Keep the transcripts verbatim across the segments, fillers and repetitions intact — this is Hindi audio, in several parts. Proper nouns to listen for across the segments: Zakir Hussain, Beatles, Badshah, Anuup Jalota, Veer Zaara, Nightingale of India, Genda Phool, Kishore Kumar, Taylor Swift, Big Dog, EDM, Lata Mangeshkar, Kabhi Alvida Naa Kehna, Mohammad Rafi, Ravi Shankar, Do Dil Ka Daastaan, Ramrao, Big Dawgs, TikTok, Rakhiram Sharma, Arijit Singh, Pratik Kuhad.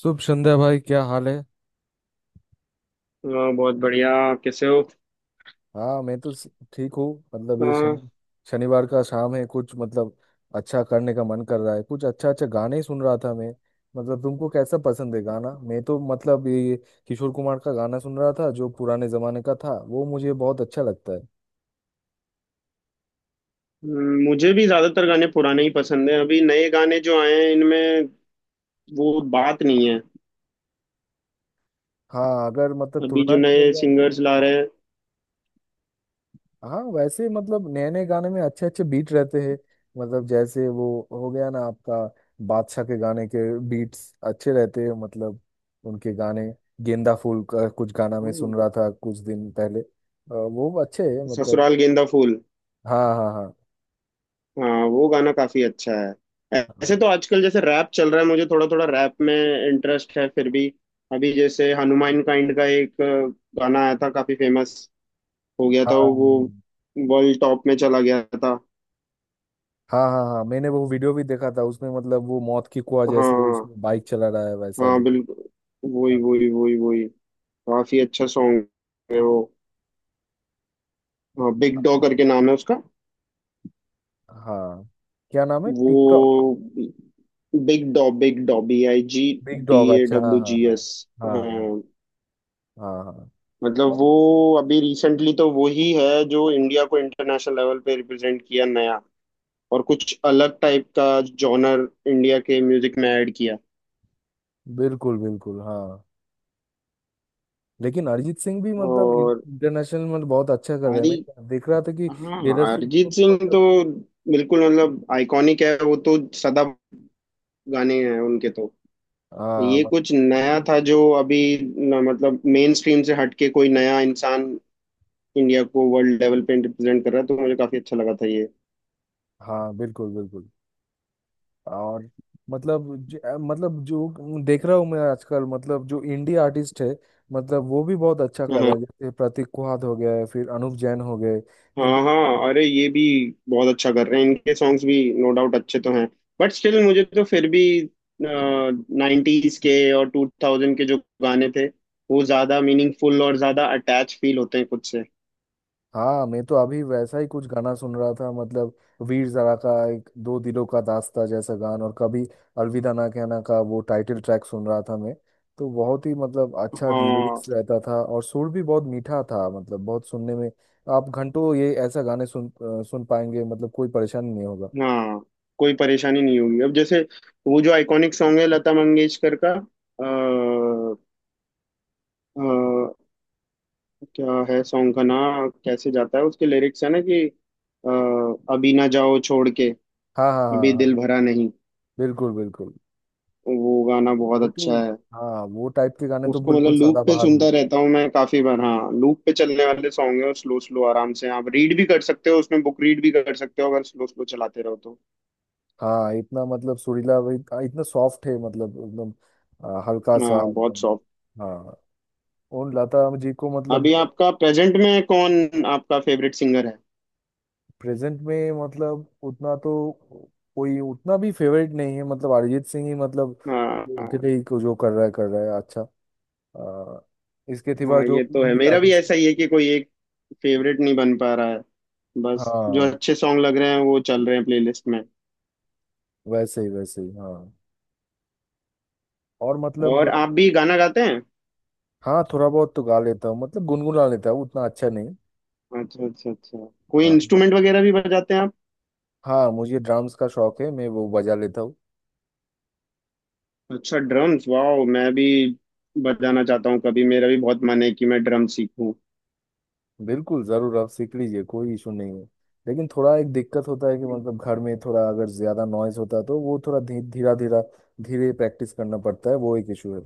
शुभ संध्या भाई, क्या हाल है। अ, बहुत बढ़िया। कैसे हो? हाँ, मैं तो स- ठीक हूँ। मतलब अ, ये शनि शनिवार का शाम है, कुछ मतलब अच्छा करने का मन कर रहा है। कुछ अच्छा अच्छा गाने ही सुन रहा था मैं। मतलब तुमको कैसा पसंद है गाना? मैं तो मतलब ये किशोर कुमार का गाना सुन रहा था, जो पुराने जमाने का था, वो मुझे बहुत अच्छा लगता है। म, मुझे भी ज्यादातर गाने पुराने ही पसंद हैं। अभी नए गाने जो आए हैं, इनमें वो बात नहीं है। हाँ, अगर मतलब अभी जो तुलना किया नए जाए। सिंगर्स ला रहे हैं। हाँ, वैसे मतलब नए नए गाने में अच्छे अच्छे बीट रहते हैं। मतलब जैसे वो हो गया ना आपका, बादशाह के गाने के बीट्स अच्छे रहते हैं। मतलब उनके गाने, गेंदा फूल का कुछ गाना मैं हम्म। सुन रहा था कुछ दिन पहले। अ, वो अच्छे हैं मतलब। ससुराल गेंदा फूल। हाँ, हाँ, हाँ। हाँ, वो गाना काफी अच्छा है। ऐ- ऐसे तो आजकल जैसे रैप चल रहा है, मुझे थोड़ा थोड़ा रैप में इंटरेस्ट है। फिर भी अभी जैसे हनुमान काइंड का एक अ, गाना आया था, काफी फेमस हो गया था वो। हाँ, वर्ल्ड टॉप में चला गया था। हाँ, हाँ। हाँ, मैंने वो वीडियो भी देखा था, उसमें मतलब वो मौत की कुआ जैसे हाँ। उसमें बाइक चला रहा है, वैसा हाँ, देखा। बिल्कुल। वही हाँ। वही वही वही। काफी अच्छा सॉन्ग है वो। बिग डॉ करके नाम है उसका। हाँ, क्या नाम है वो TikTok? Big dawg, big dawg, B I G, big D dog, ए अच्छा, हाँ, डब्ल्यू हाँ, जी एस हाँ। हाँ। हाँ। हाँ, हाँ। मतलब वो अभी रिसेंटली तो वो ही है जो इंडिया को इंटरनेशनल लेवल पे रिप्रेजेंट किया, नया और कुछ अलग टाइप का जॉनर इंडिया के म्यूजिक में ऐड किया। बिल्कुल, बिल्कुल, हाँ। लेकिन अरिजीत सिंह भी मतलब और इंटरनेशनल में मतलब बहुत अच्छा कर रहे हैं, हरी। मैं देख रहा था कि हाँ, टेलर स्विफ्ट को अरिजीत भी सिंह तो मतलब। बिल्कुल मतलब आइकॉनिक है वो तो, सदा गाने हैं उनके तो। हाँ ये मत- कुछ नया था जो अभी न, मतलब मेन स्ट्रीम से हटके कोई नया इंसान इंडिया को वर्ल्ड लेवल पे रिप्रेजेंट कर रहा है, तो मुझे काफी अच्छा लगा था ये। हाँ, बिल्कुल, बिल्कुल। और मतलब ज, अ, मतलब जो देख रहा हूँ मैं आजकल, मतलब जो इंडिया आर्टिस्ट है, मतलब वो भी बहुत अच्छा कर हाँ रहा है। जैसे प्रतीक कुहाद हो गया है, फिर अनूप जैन हो गए, हाँ इन लोगों। हाँ, अरे ये भी बहुत अच्छा कर रहे हैं, इनके सॉन्ग्स भी नो डाउट अच्छे तो हैं, बट स्टिल मुझे तो फिर भी नाइन्टीज के और टू थाउजेंड के जो गाने थे वो ज्यादा मीनिंगफुल और ज्यादा अटैच फील होते हैं खुद से। हाँ, मैं तो अभी वैसा ही कुछ गाना सुन रहा था मतलब, वीर ज़ारा का एक दो दिलों का दास्ता जैसा गान, और कभी अलविदा ना कहना का वो टाइटल ट्रैक सुन रहा था मैं। तो बहुत ही मतलब अच्छा हाँ। लिरिक्स रहता था, और सुर भी बहुत मीठा था, मतलब बहुत सुनने में। आप घंटों ये ऐसा गाने सुन अ, सुन पाएंगे, मतलब कोई परेशानी नहीं होगा। हाँ, कोई परेशानी नहीं होगी। अब जैसे वो जो आइकॉनिक सॉन्ग है लता मंगेशकर का, आ, क्या है सॉन्ग का नाम? कैसे जाता है उसके लिरिक्स? है ना कि अ, अभी ना जाओ छोड़ के, हाँ, हाँ, हाँ, अभी हाँ, दिल हाँ, भरा नहीं। बिल्कुल, बिल्कुल। वो गाना बहुत वो तो, अच्छा है। हाँ, वो टाइप के गाने तो उसको मतलब बिल्कुल लूप पे सदाबहार है। सुनता रहता हूँ मैं काफी बार। हाँ, लूप पे चलने वाले सॉन्ग है, और स्लो स्लो आराम से आप रीड भी कर सकते हो, उसमें बुक रीड भी कर सकते हो अगर स्लो स्लो चलाते रहो तो। हाँ, इतना मतलब सुरीला भी- आ, इतना सॉफ्ट है, मतलब एकदम। आ, हल्का सा हाँ, बहुत एकदम। सॉफ्ट। हाँ, और लता जी को मतलब, अभी आपका प्रेजेंट में कौन आपका फेवरेट सिंगर है? प्रेजेंट में मतलब उतना तो कोई उतना भी फेवरेट नहीं है। मतलब अरिजीत सिंह ही मतलब, उनके हाँ ही को जो कर रहा है कर रहा है अच्छा। आ, इसके सिवा हाँ, ये जो तो है, इंडी मेरा भी आर्टिस्ट। ऐसा ही है कि कोई एक फेवरेट नहीं बन पा रहा है। बस जो हाँ, अच्छे सॉन्ग लग रहे हैं वो चल रहे हैं प्लेलिस्ट में। वैसे ही वैसे ही, हाँ। और और मतलब, आप भी गाना गाते हैं? हाँ, थोड़ा बहुत तो गा लेता हूँ मतलब, गुनगुना लेता हूँ, उतना अच्छा नहीं। अच्छा, अच्छा, अच्छा। कोई हाँ। इंस्ट्रूमेंट वगैरह भी बजाते हैं आप? हाँ, मुझे ड्राम्स का शौक है, मैं वो बजा लेता हूँ। अच्छा, ड्रम्स, वाह! मैं भी बजाना चाहता हूँ, कभी मेरा भी बहुत मन है कि मैं ड्रम सीखूं। बिल्कुल, जरूर आप सीख लीजिए, कोई इशू नहीं है। लेकिन थोड़ा एक दिक्कत होता है कि मतलब घर में थोड़ा अगर ज्यादा नॉइज होता है तो वो थोड़ा धी, धीरा धीरा धीरे प्रैक्टिस करना पड़ता है, वो एक इशू है।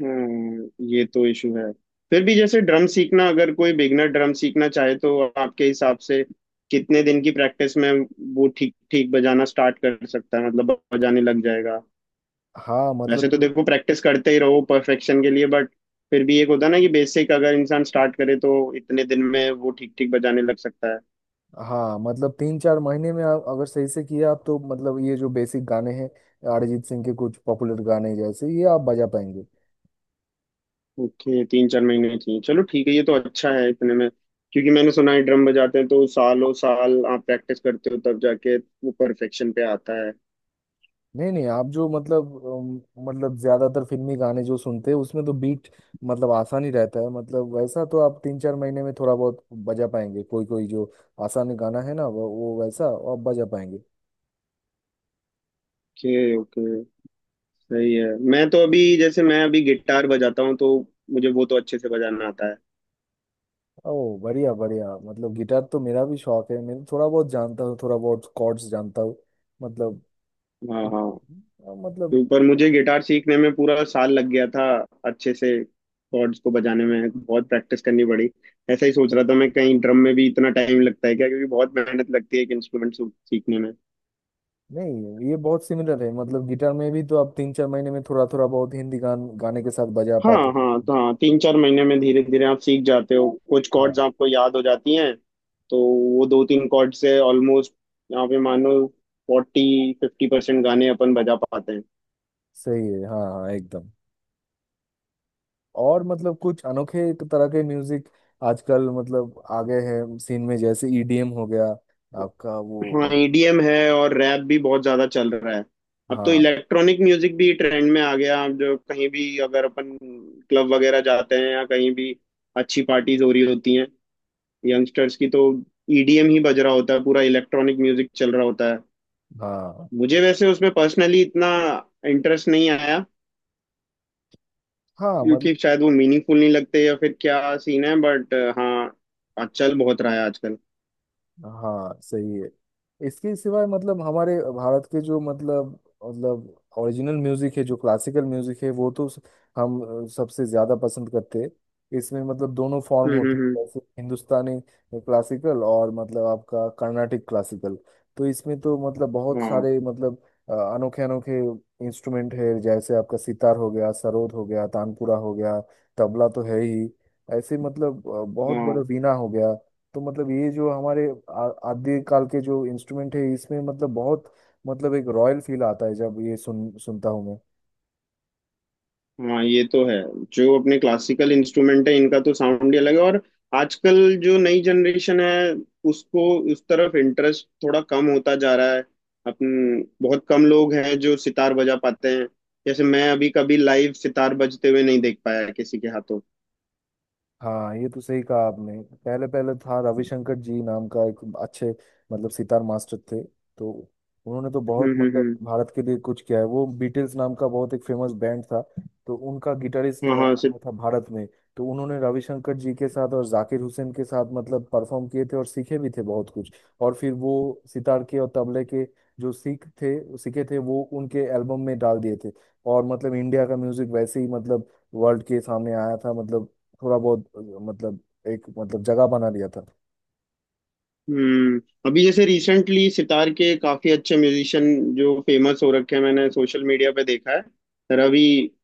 हम्म, ये तो इशू है। फिर भी जैसे ड्रम सीखना, अगर कोई बिगनर ड्रम सीखना चाहे तो आपके हिसाब से कितने दिन की प्रैक्टिस में वो ठीक ठीक बजाना स्टार्ट कर सकता है, मतलब बजाने लग जाएगा? हाँ मतलब वैसे तो कि- देखो प्रैक्टिस करते ही रहो परफेक्शन के लिए, बट फिर भी एक होता है ना कि बेसिक अगर इंसान स्टार्ट करे तो इतने दिन में वो ठीक ठीक बजाने लग सकता है। हाँ मतलब तीन चार महीने में आप अगर सही से किया आप, तो मतलब ये जो बेसिक गाने हैं, अरिजीत सिंह के कुछ पॉपुलर गाने, जैसे ये आप बजा पाएंगे। ओके, तीन चार महीने चाहिए। चलो ठीक है, ये तो अच्छा है इतने में। क्योंकि मैंने सुना है ड्रम बजाते हैं तो सालों साल आप प्रैक्टिस करते हो तब जाके वो परफेक्शन पे आता है। नहीं नहीं, आप जो मतलब अम, मतलब ज्यादातर फिल्मी गाने जो सुनते हैं, उसमें तो बीट मतलब आसान ही रहता है। मतलब वैसा तो आप तीन चार महीने में थोड़ा बहुत बजा पाएंगे। कोई कोई जो आसान गाना है ना, वो, वो वैसा आप बजा पाएंगे। ओके ओके, सही है। मैं तो अभी जैसे मैं अभी गिटार बजाता हूँ तो मुझे वो तो अच्छे से बजाना आता है। ओ, बढ़िया, बढ़िया। मतलब गिटार तो मेरा भी शौक है, मैं थोड़ा बहुत जानता हूँ, थोड़ा बहुत कॉर्ड्स जानता हूँ, मतलब। हाँ हाँ। मतलब, तो पर मुझे गिटार सीखने में पूरा साल लग गया था, अच्छे से कॉर्ड्स को बजाने में बहुत प्रैक्टिस करनी पड़ी। ऐसा ही सोच रहा था मैं, कहीं ड्रम में भी इतना टाइम लगता है क्या, क्योंकि बहुत मेहनत लगती है एक इंस्ट्रूमेंट सीखने में। नहीं ये बहुत सिमिलर है, मतलब गिटार में भी तो आप तीन चार महीने में थोड़ा थोड़ा बहुत हिंदी गान गाने के साथ बजा हाँ पाते हाँ, हैं। तो हाँ, तीन चार महीने में धीरे धीरे आप सीख जाते हो, कुछ कॉर्ड्स हाँ, आपको याद हो जाती हैं, तो वो दो तीन कॉर्ड से ऑलमोस्ट यहाँ पे मानो फोर्टी फिफ्टी परसेंट गाने अपन बजा पाते हैं। सही है, हाँ, हाँ, एकदम। और मतलब कुछ अनोखे तरह के म्यूजिक आजकल मतलब आ गए हैं सीन में, जैसे ईडीएम हो गया आपका हाँ, वो। ई डी एम है और रैप भी बहुत ज्यादा चल रहा है। अब तो हाँ। इलेक्ट्रॉनिक म्यूजिक भी ट्रेंड में आ गया। अब जो कहीं भी अगर अपन क्लब वगैरह जाते हैं, या कहीं भी अच्छी पार्टीज हो रही होती हैं यंगस्टर्स की, तो ई डी एम ही बज रहा होता है, पूरा इलेक्ट्रॉनिक म्यूजिक चल रहा होता है। हाँ, मुझे वैसे उसमें पर्सनली इतना इंटरेस्ट नहीं आया, हाँ मतलब। क्योंकि शायद वो मीनिंगफुल नहीं लगते, या फिर क्या सीन है, बट हाँ, आज चल बहुत रहा है आजकल। हाँ, सही है। इसके सिवाय मतलब हमारे भारत के जो मतलब, मतलब ओरिजिनल म्यूजिक है, जो क्लासिकल म्यूजिक है, वो तो स- हम अ, सबसे ज्यादा पसंद करते हैं। इसमें मतलब दोनों फॉर्म हम्म। होते हैं, हम्म। जैसे हिंदुस्तानी क्लासिकल और मतलब आपका कर्नाटिक क्लासिकल। तो इसमें तो मतलब हम्म, बहुत हाँ। सारे मतलब अ, अनोखे अनोखे इंस्ट्रूमेंट है। जैसे आपका सितार हो गया, सरोद हो गया, तानपुरा हो गया, तबला तो है ही, ऐसे मतलब, अ, बहुत बड़ा हाँ वीणा हो गया। तो मतलब ये जो हमारे आ- आदि काल के जो इंस्ट्रूमेंट है, इसमें मतलब बहुत मतलब एक रॉयल फील आता है जब ये सुन सुनता हूँ मैं। हाँ, ये तो है। जो अपने क्लासिकल इंस्ट्रूमेंट है इनका तो साउंड ही अलग है। और आजकल जो नई जनरेशन है उसको उस तरफ इंटरेस्ट थोड़ा कम होता जा रहा है। अपन बहुत कम लोग हैं जो सितार बजा पाते हैं। जैसे मैं अभी कभी लाइव सितार बजते हुए नहीं देख पाया किसी के हाथों। हाँ, ये तो सही कहा आपने। पहले पहले था रविशंकर जी नाम का, एक अच्छे मतलब सितार मास्टर थे। तो उन्होंने तो हम्म। बहुत हम्म। मतलब हम्म। भारत के लिए कुछ किया है। वो बीटल्स नाम का बहुत एक फेमस बैंड था, तो उनका गिटारिस्ट हाँ। हाँ। आया था भारत में। तो उन्होंने रविशंकर जी के साथ और जाकिर हुसैन के साथ मतलब परफॉर्म किए थे, और सीखे भी थे बहुत कुछ। और फिर वो सितार के और तबले के जो सीख थे सीखे थे, वो उनके एल्बम में डाल दिए थे। और मतलब इंडिया का म्यूजिक वैसे ही मतलब वर्ल्ड के सामने आया था। मतलब थोड़ा बहुत अ, मतलब एक मतलब जगह बना लिया था। हम्म। अभी जैसे रिसेंटली सितार के काफी अच्छे म्यूजिशियन जो फेमस हो रखे हैं, मैंने सोशल मीडिया पे देखा है। रवि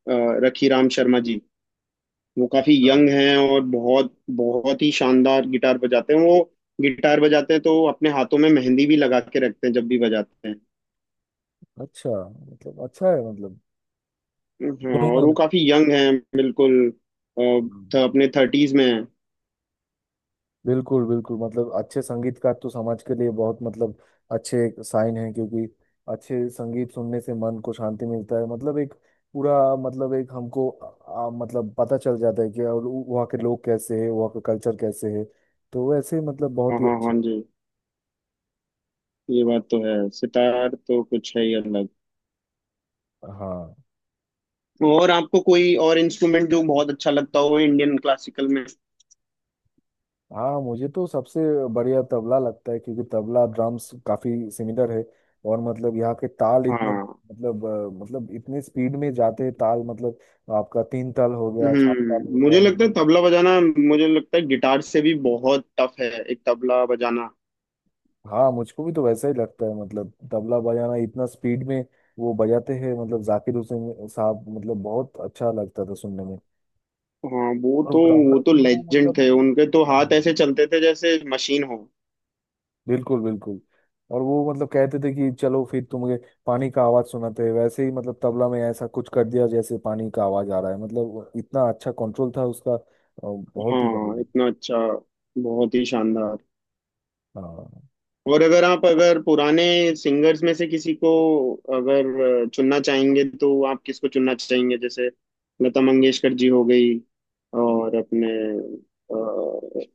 अ, रखीराम शर्मा जी। वो काफी हाँ। यंग हैं, और बहुत बहुत ही शानदार गिटार बजाते हैं वो। गिटार बजाते हैं तो अपने हाथों में मेहंदी भी लगा के रखते हैं, जब भी बजाते हैं। अच्छा, मतलब अच्छा है मतलब, हाँ, सुनूंगा और वो मैं। काफी यंग हैं, बिल्कुल। अ, थ, हम्म। अपने थर्टीज में हैं। बिल्कुल, बिल्कुल। मतलब अच्छे संगीतकार तो समाज के लिए बहुत मतलब अच्छे साइन है, क्योंकि अच्छे संगीत सुनने से मन को शांति मिलता है। मतलब एक पूरा मतलब एक हमको आ, मतलब पता चल जाता है कि और वहाँ के लोग कैसे हैं, वहाँ का कल्चर कैसे है। तो वैसे ही मतलब बहुत हाँ ही हाँ अच्छा। हाँ जी, ये बात तो है, सितार तो कुछ है ही अलग। हाँ। और आपको कोई और इंस्ट्रूमेंट जो बहुत अच्छा लगता हो इंडियन क्लासिकल में? हाँ, मुझे तो सबसे बढ़िया तबला लगता है, क्योंकि तबला ड्रम्स काफी सिमिलर है। और मतलब यहाँ के ताल इतने हाँ। मतलब अ, मतलब इतने स्पीड में जाते हैं ताल, मतलब आपका तीन ताल हो गया, चार ताल हो हम्म, गया मुझे लगता है मतलब। तबला बजाना, मुझे लगता है गिटार से भी बहुत टफ है एक तबला बजाना। हाँ, मुझको भी तो वैसा ही लगता है। मतलब तबला बजाना इतना स्पीड में वो बजाते हैं मतलब जाकिर हुसैन साहब, मतलब बहुत अच्छा लगता था सुनने में। हाँ, वो तो और वो रामराव तो भी वो लेजेंड मतलब। थे, उनके तो हाँ, हाथ ऐसे चलते थे जैसे मशीन हो। बिल्कुल, बिल्कुल। और वो मतलब कहते थे कि चलो फिर तुम्हें पानी का आवाज सुनाते हैं, वैसे ही मतलब तबला में ऐसा कुछ कर दिया जैसे पानी का आवाज आ रहा है, मतलब इतना अच्छा कंट्रोल था उसका। अ, बहुत ही हाँ, बढ़िया। इतना अच्छा। बहुत ही शानदार। हाँ, और अगर आप, अगर पुराने सिंगर्स में से किसी को अगर अ, चुनना चाहेंगे तो आप किसको चुनना चाहेंगे? जैसे लता मंगेशकर जी हो गई, और अपने अ,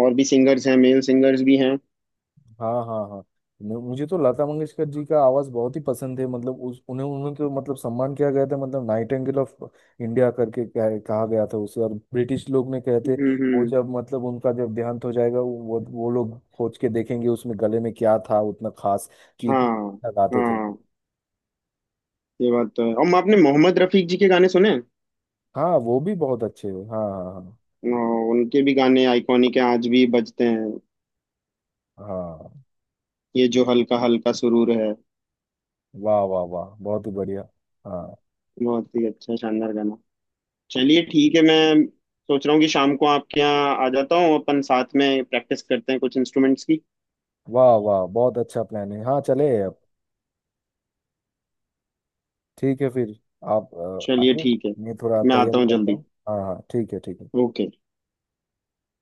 और भी सिंगर्स हैं, मेल सिंगर्स भी हैं। हाँ, हाँ। हाँ, मु- मुझे तो लता मंगेशकर जी का आवाज बहुत ही पसंद है। मतलब उस उन्हें उन्हें तो मतलब सम्मान किया गया था, मतलब नाइटिंगेल ऑफ इंडिया करके कह, कहा गया था उसे। और ब्रिटिश लोग ने कहते, हम्म। वो हम्म, जब मतलब उनका जब देहांत हो जाएगा, वो वो लोग खोज के देखेंगे उसमें गले में क्या था उतना खास कि इतना हाँ। अच्छा गाते थे। हाँ, ये बात तो है। और आपने मोहम्मद रफीक जी के गाने सुने हैं? हाँ। वो भी बहुत अच्छे हैं, हाँ, हाँ। अ, उनके भी गाने आइकॉनिक हैं, आज भी बजते हैं। हाँ, हाँ। ये जो हल्का हल्का सुरूर है, वाह, वाह, वाह, बहुत ही बढ़िया। हाँ। बहुत ही अच्छा शानदार गाना। चलिए ठीक है, मैं सोच रहा हूँ कि शाम को आपके यहाँ आ जाता हूँ, अपन साथ में प्रैक्टिस करते हैं कुछ इंस्ट्रूमेंट्स की। वाह, वाह, बहुत अच्छा प्लान है, हाँ, चले अब। ठीक है फिर, आप अ, चलिए आइए। ठीक है, मैं थोड़ा मैं आता तैयारी हूँ करता जल्दी। हूँ। हाँ, हाँ, ठीक है, ठीक है। ओके।